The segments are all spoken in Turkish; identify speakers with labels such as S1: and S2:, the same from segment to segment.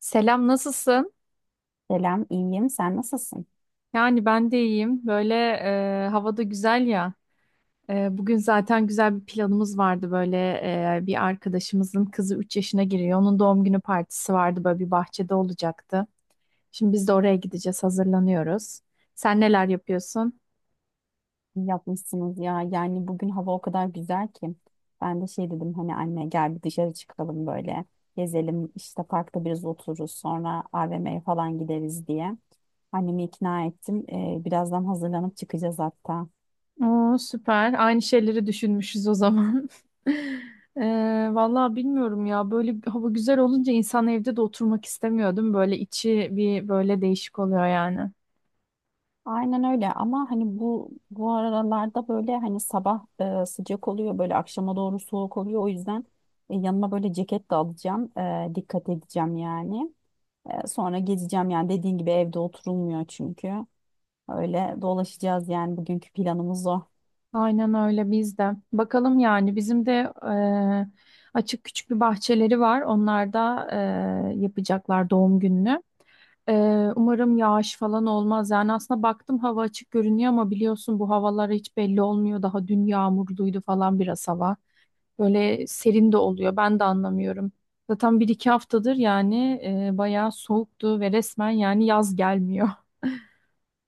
S1: Selam, nasılsın?
S2: Selam, iyiyim. Sen nasılsın?
S1: Yani ben de iyiyim. Böyle havada güzel ya. Bugün zaten güzel bir planımız vardı. Böyle bir arkadaşımızın kızı 3 yaşına giriyor. Onun doğum günü partisi vardı. Böyle bir bahçede olacaktı. Şimdi biz de oraya gideceğiz. Hazırlanıyoruz. Sen neler yapıyorsun?
S2: İyi yapmışsınız ya. Yani bugün hava o kadar güzel ki. Ben de şey dedim hani anne gel bir dışarı çıkalım böyle. Gezelim işte parkta biraz otururuz sonra AVM'ye falan gideriz diye. Annemi ikna ettim. Birazdan hazırlanıp çıkacağız hatta.
S1: Oo, süper. Aynı şeyleri düşünmüşüz o zaman. E, vallahi bilmiyorum ya. Böyle bir hava güzel olunca insan evde de oturmak istemiyordum. Böyle içi bir böyle değişik oluyor yani.
S2: Aynen öyle ama hani bu aralarda böyle hani sabah sıcak oluyor böyle akşama doğru soğuk oluyor. O yüzden yanıma böyle ceket de alacağım. Dikkat edeceğim yani. Sonra gezeceğim yani dediğin gibi evde oturulmuyor çünkü. Öyle dolaşacağız yani bugünkü planımız o.
S1: Aynen öyle biz de. Bakalım yani bizim de açık küçük bir bahçeleri var. Onlar da yapacaklar doğum gününü. E, umarım yağış falan olmaz. Yani aslında baktım hava açık görünüyor ama biliyorsun bu havalar hiç belli olmuyor. Daha dün yağmurluydu falan biraz hava. Böyle serin de oluyor. Ben de anlamıyorum. Zaten bir iki haftadır yani bayağı soğuktu ve resmen yani yaz gelmiyor.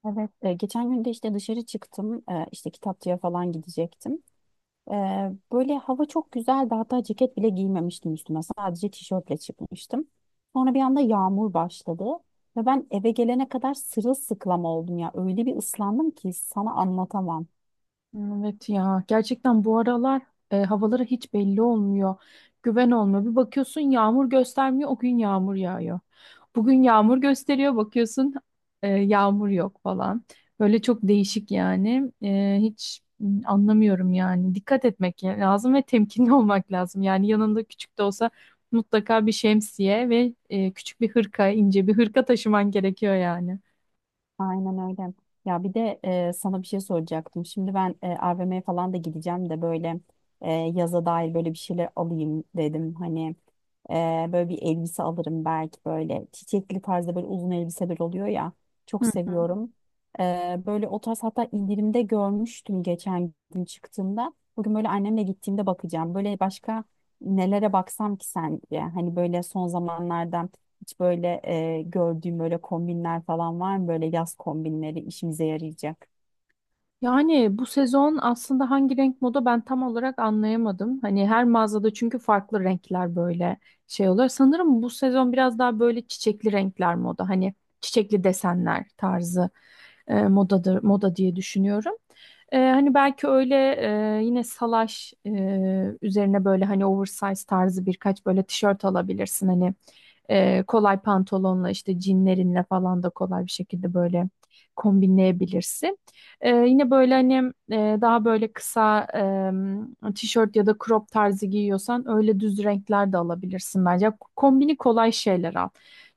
S2: Evet. Geçen gün de işte dışarı çıktım. İşte kitapçıya falan gidecektim. Böyle hava çok güzeldi. Hatta ceket bile giymemiştim üstüme. Sadece tişörtle çıkmıştım. Sonra bir anda yağmur başladı. Ve ben eve gelene kadar sırılsıklam oldum ya. Öyle bir ıslandım ki sana anlatamam.
S1: Evet ya gerçekten bu aralar havalara hiç belli olmuyor. Güven olmuyor. Bir bakıyorsun yağmur göstermiyor o gün yağmur yağıyor. Bugün yağmur gösteriyor bakıyorsun yağmur yok falan. Böyle çok değişik yani. Hiç anlamıyorum yani. Dikkat etmek lazım ve temkinli olmak lazım. Yani yanında küçük de olsa mutlaka bir şemsiye ve küçük bir hırka, ince bir hırka taşıman gerekiyor yani.
S2: Aynen öyle. Ya bir de sana bir şey soracaktım. Şimdi ben AVM'ye falan da gideceğim de böyle yaza dair böyle bir şeyler alayım dedim. Hani Ee, böyle bir elbise alırım belki böyle çiçekli tarzda böyle uzun elbiseler oluyor ya. Çok seviyorum. Böyle o tarz hatta indirimde görmüştüm geçen gün çıktığımda. Bugün böyle annemle gittiğimde bakacağım. Böyle başka nelere baksam ki sence? Hani böyle son zamanlardan hiç böyle gördüğüm böyle kombinler falan var mı? Böyle yaz kombinleri işimize yarayacak.
S1: Yani bu sezon aslında hangi renk moda ben tam olarak anlayamadım. Hani her mağazada çünkü farklı renkler böyle şey oluyor. Sanırım bu sezon biraz daha böyle çiçekli renkler moda. Hani çiçekli desenler tarzı moda diye düşünüyorum. Hani belki öyle yine salaş üzerine böyle hani oversize tarzı birkaç böyle tişört alabilirsin. Hani kolay pantolonla işte jeanlerinle falan da kolay bir şekilde böyle kombinleyebilirsin. Yine böyle hani daha böyle kısa tişört ya da crop tarzı giyiyorsan öyle düz renkler de alabilirsin bence. Kombini kolay şeyler al.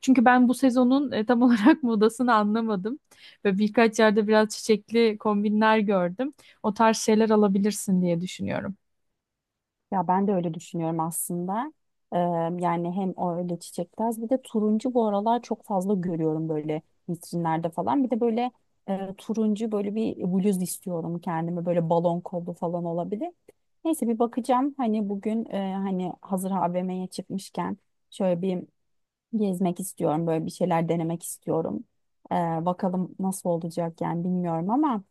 S1: Çünkü ben bu sezonun tam olarak modasını anlamadım. Ve birkaç yerde biraz çiçekli kombinler gördüm. O tarz şeyler alabilirsin diye düşünüyorum.
S2: Ya ben de öyle düşünüyorum aslında. Eee, Yani hem o öyle çiçektaş bir de turuncu bu aralar çok fazla görüyorum böyle vitrinlerde falan. Bir de böyle turuncu böyle bir bluz istiyorum kendime böyle balon kollu falan olabilir. Neyse bir bakacağım hani bugün hani hazır AVM'ye çıkmışken şöyle bir gezmek istiyorum böyle bir şeyler denemek istiyorum. Eee, Bakalım nasıl olacak yani bilmiyorum ama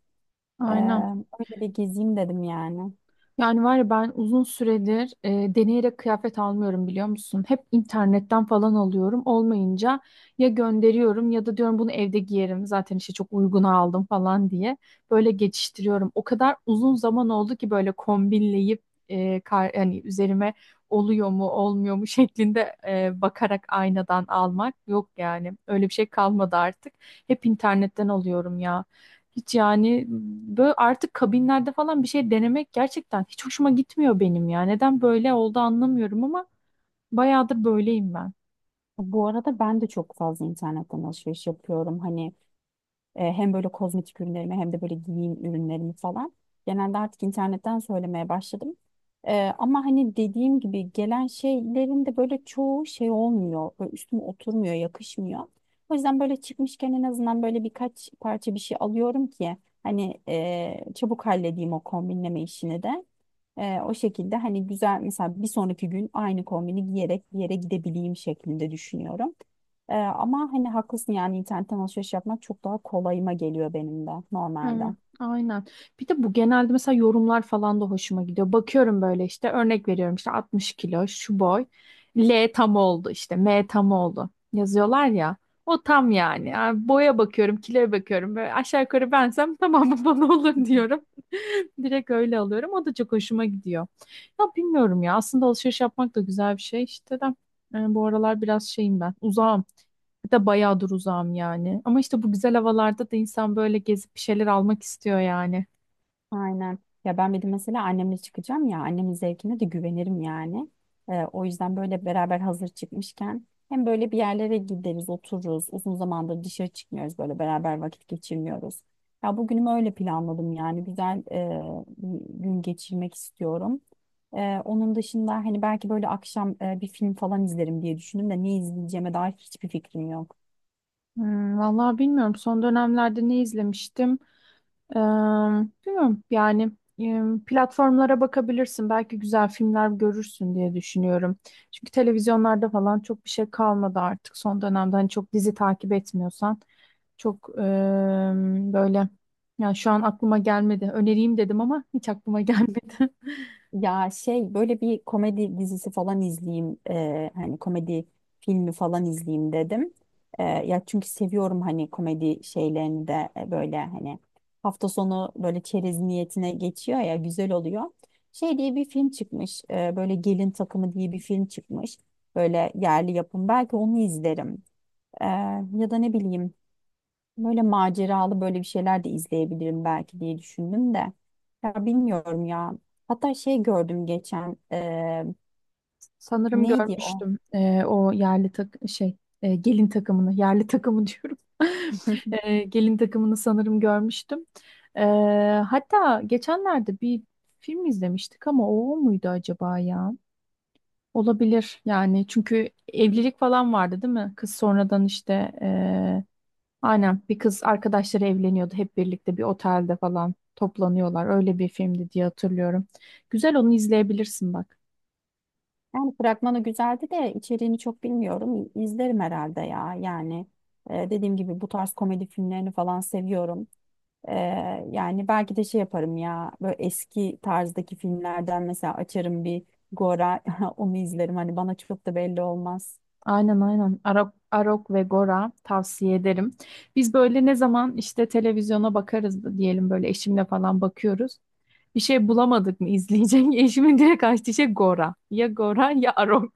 S2: eee
S1: Aynen.
S2: öyle bir gezeyim dedim yani.
S1: Yani var ya ben uzun süredir deneyerek kıyafet almıyorum biliyor musun? Hep internetten falan alıyorum. Olmayınca ya gönderiyorum ya da diyorum bunu evde giyerim. Zaten işte çok uyguna aldım falan diye. Böyle geçiştiriyorum. O kadar uzun zaman oldu ki böyle kombinleyip hani üzerime oluyor mu olmuyor mu şeklinde bakarak aynadan almak yok yani. Öyle bir şey kalmadı artık. Hep internetten alıyorum ya. Hiç yani böyle artık kabinlerde falan bir şey denemek gerçekten hiç hoşuma gitmiyor benim ya. Neden böyle oldu anlamıyorum ama bayağıdır böyleyim ben.
S2: Bu arada ben de çok fazla internetten alışveriş yapıyorum. Hani hem böyle kozmetik ürünlerimi hem de böyle giyim ürünlerimi falan. Genelde artık internetten söylemeye başladım. Ama hani dediğim gibi gelen şeylerin de böyle çoğu şey olmuyor. Böyle üstüme oturmuyor, yakışmıyor. O yüzden böyle çıkmışken en azından böyle birkaç parça bir şey alıyorum ki hani çabuk halledeyim o kombinleme işini de. O şekilde hani güzel mesela bir sonraki gün aynı kombini giyerek bir yere gidebileyim şeklinde düşünüyorum. Ama hani haklısın yani internetten alışveriş yapmak çok daha kolayıma geliyor benim de normalde.
S1: Evet,
S2: Hı
S1: aynen. Bir de bu genelde mesela yorumlar falan da hoşuma gidiyor. Bakıyorum böyle işte örnek veriyorum işte 60 kilo şu boy. L tam oldu işte M tam oldu yazıyorlar ya. O tam yani. Yani boya bakıyorum, kiloya bakıyorum. Böyle aşağı yukarı bensem tamam bu bana olur
S2: hı.
S1: diyorum. Direkt öyle alıyorum. O da çok hoşuma gidiyor. Ya bilmiyorum ya. Aslında alışveriş yapmak da güzel bir şey işte de. Bu aralar biraz şeyim ben. Uzağım. Bir de bayağıdır uzağım yani. Ama işte bu güzel havalarda da insan böyle gezip bir şeyler almak istiyor yani.
S2: Aynen. Ya ben bir de mesela annemle çıkacağım ya annemin zevkine de güvenirim yani. O yüzden böyle beraber hazır çıkmışken hem böyle bir yerlere gideriz, otururuz. Uzun zamandır dışarı çıkmıyoruz böyle beraber vakit geçirmiyoruz. Ya bugünümü öyle planladım yani güzel bir gün geçirmek istiyorum. Onun dışında hani belki böyle akşam bir film falan izlerim diye düşündüm de ne izleyeceğime dair hiçbir fikrim yok.
S1: Hmm, vallahi bilmiyorum. Son dönemlerde ne izlemiştim? Ee, bilmiyorum yani e, platformlara bakabilirsin. Belki güzel filmler görürsün diye düşünüyorum. Çünkü televizyonlarda falan çok bir şey kalmadı artık son dönemde. Hani çok dizi takip etmiyorsan çok böyle yani şu an aklıma gelmedi. Önereyim dedim ama hiç aklıma gelmedi.
S2: Ya şey böyle bir komedi dizisi falan izleyeyim hani komedi filmi falan izleyeyim dedim. Ya çünkü seviyorum hani komedi şeylerini de böyle hani hafta sonu böyle çerez niyetine geçiyor ya güzel oluyor. Şey diye bir film çıkmış böyle Gelin Takımı diye bir film çıkmış böyle yerli yapım belki onu izlerim. E, Ya da ne bileyim. Böyle maceralı böyle bir şeyler de izleyebilirim belki diye düşündüm de. Ya bilmiyorum ya. Hatta şey gördüm geçen.
S1: Sanırım
S2: Neydi o?
S1: görmüştüm o yerli gelin takımını yerli takımı diyorum. Gelin takımını sanırım görmüştüm. E, hatta geçenlerde bir film izlemiştik ama o muydu acaba ya? Olabilir yani çünkü evlilik falan vardı değil mi? Kız sonradan işte e, aynen bir kız arkadaşları evleniyordu hep birlikte bir otelde falan toplanıyorlar. Öyle bir filmdi diye hatırlıyorum. Güzel onu izleyebilirsin bak.
S2: Yani fragmanı güzeldi de içeriğini çok bilmiyorum. İzlerim herhalde ya. Yani dediğim gibi bu tarz komedi filmlerini falan seviyorum. Yani belki de şey yaparım ya. Böyle eski tarzdaki filmlerden mesela açarım bir Gora onu izlerim. Hani bana çok da belli olmaz.
S1: Aynen aynen. Arok ve Gora tavsiye ederim. Biz böyle ne zaman işte televizyona bakarız da diyelim böyle eşimle falan bakıyoruz. Bir şey bulamadık mı izleyecek? Eşimin direkt açtığı şey Gora. Ya Gora ya Arok.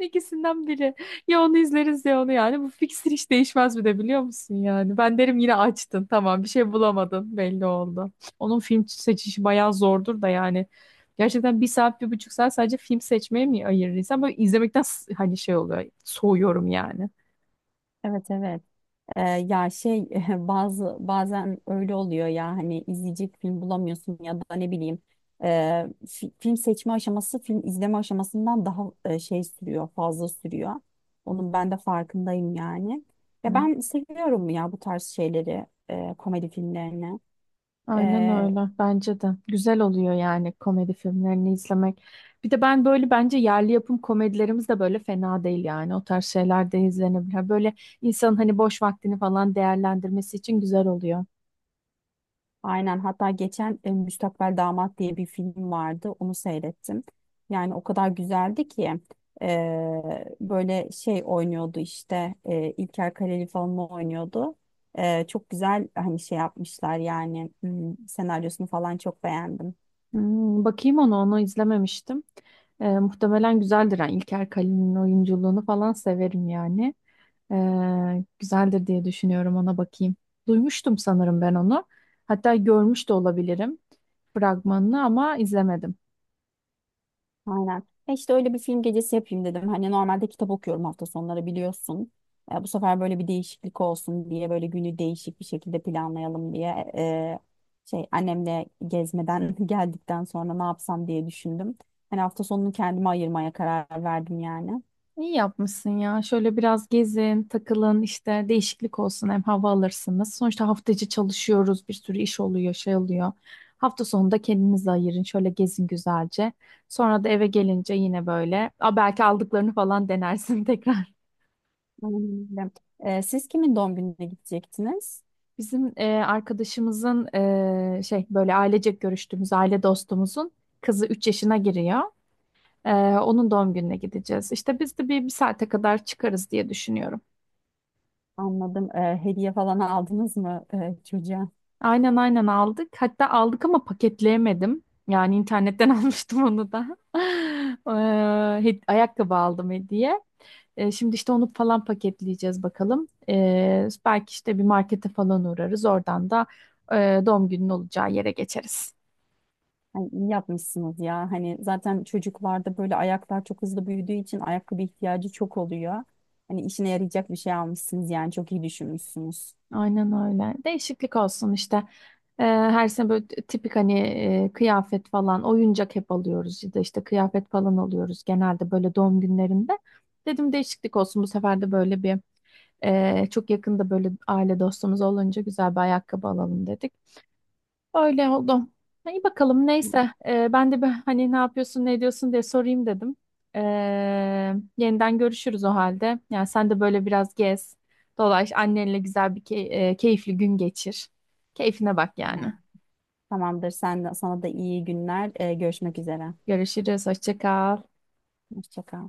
S1: İkisinden biri. Ya onu izleriz ya onu yani. Bu fiksir hiç değişmez bir de biliyor musun yani. Ben derim yine açtın tamam bir şey bulamadın belli oldu. Onun film seçişi bayağı zordur da yani. Gerçekten bir saat bir buçuk saat sadece film seçmeye mi ayırır insan? Böyle izlemekten hani şey oluyor soğuyorum yani.
S2: Evet, evet. Ya şey bazı bazen öyle oluyor ya hani izleyici film bulamıyorsun ya da ne bileyim e, film seçme aşaması film izleme aşamasından daha şey sürüyor fazla sürüyor. Onun ben de farkındayım yani. Ya ben seviyorum ya bu tarz şeyleri komedi filmlerini.
S1: Aynen öyle. Bence de. Güzel oluyor yani komedi filmlerini izlemek. Bir de ben böyle bence yerli yapım komedilerimiz de böyle fena değil yani. O tarz şeyler de izlenebilir. Böyle insanın hani boş vaktini falan değerlendirmesi için güzel oluyor.
S2: Aynen hatta geçen Müstakbel Damat diye bir film vardı onu seyrettim. Yani o kadar güzeldi ki e, böyle şey oynuyordu işte İlker Kaleli falan oynuyordu. Çok güzel hani şey yapmışlar yani hmm, senaryosunu falan çok beğendim.
S1: Hmm, bakayım onu izlememiştim. Muhtemelen güzeldir. Yani İlker Kalın'ın oyunculuğunu falan severim yani. Güzeldir diye düşünüyorum ona bakayım. Duymuştum sanırım ben onu. Hatta görmüş de olabilirim fragmanını ama izlemedim.
S2: Aynen. E işte öyle bir film gecesi yapayım dedim. Hani normalde kitap okuyorum hafta sonları biliyorsun. Bu sefer böyle bir değişiklik olsun diye böyle günü değişik bir şekilde planlayalım diye şey annemle gezmeden geldikten sonra ne yapsam diye düşündüm. Hani hafta sonunu kendime ayırmaya karar verdim yani.
S1: İyi yapmışsın ya. Şöyle biraz gezin, takılın, işte değişiklik olsun hem hava alırsınız. Sonuçta hafta içi çalışıyoruz, bir sürü iş oluyor, şey oluyor. Hafta sonunda kendinizi ayırın, şöyle gezin güzelce. Sonra da eve gelince yine böyle, belki aldıklarını falan denersin tekrar.
S2: Aynen öyle. Siz kimin doğum gününe gidecektiniz?
S1: Bizim arkadaşımızın şey böyle ailecek görüştüğümüz aile dostumuzun kızı 3 yaşına giriyor. E, onun doğum gününe gideceğiz. İşte biz de bir saate kadar çıkarız diye düşünüyorum.
S2: Anladım. Hediye falan aldınız mı çocuğa?
S1: Aynen aynen aldık. Hatta aldık ama paketleyemedim. Yani internetten almıştım onu da. Ee, ayakkabı aldım hediye. Şimdi işte onu falan paketleyeceğiz bakalım. Belki işte bir markete falan uğrarız. Oradan da doğum günün olacağı yere geçeriz.
S2: Ay, iyi yapmışsınız ya. Hani zaten çocuklarda böyle ayaklar çok hızlı büyüdüğü için ayakkabı ihtiyacı çok oluyor. Hani işine yarayacak bir şey almışsınız yani çok iyi düşünmüşsünüz.
S1: Aynen öyle. Değişiklik olsun işte. Her sene böyle tipik hani kıyafet falan, oyuncak hep alıyoruz. Ya da işte kıyafet falan alıyoruz genelde böyle doğum günlerinde. Dedim değişiklik olsun bu sefer de böyle bir... Çok yakında böyle aile dostumuz olunca güzel bir ayakkabı alalım dedik. Öyle oldu. İyi bakalım neyse. Ben de bir hani ne yapıyorsun ne ediyorsun diye sorayım dedim. Ee, yeniden görüşürüz o halde. Yani sen de böyle biraz gez, dolaş, annenle güzel bir keyifli gün geçir. Keyfine bak yani.
S2: Tamam. Tamamdır. Sen de, sana da iyi günler. Görüşmek üzere.
S1: Görüşürüz, hoşça kal.
S2: Hoşça kal.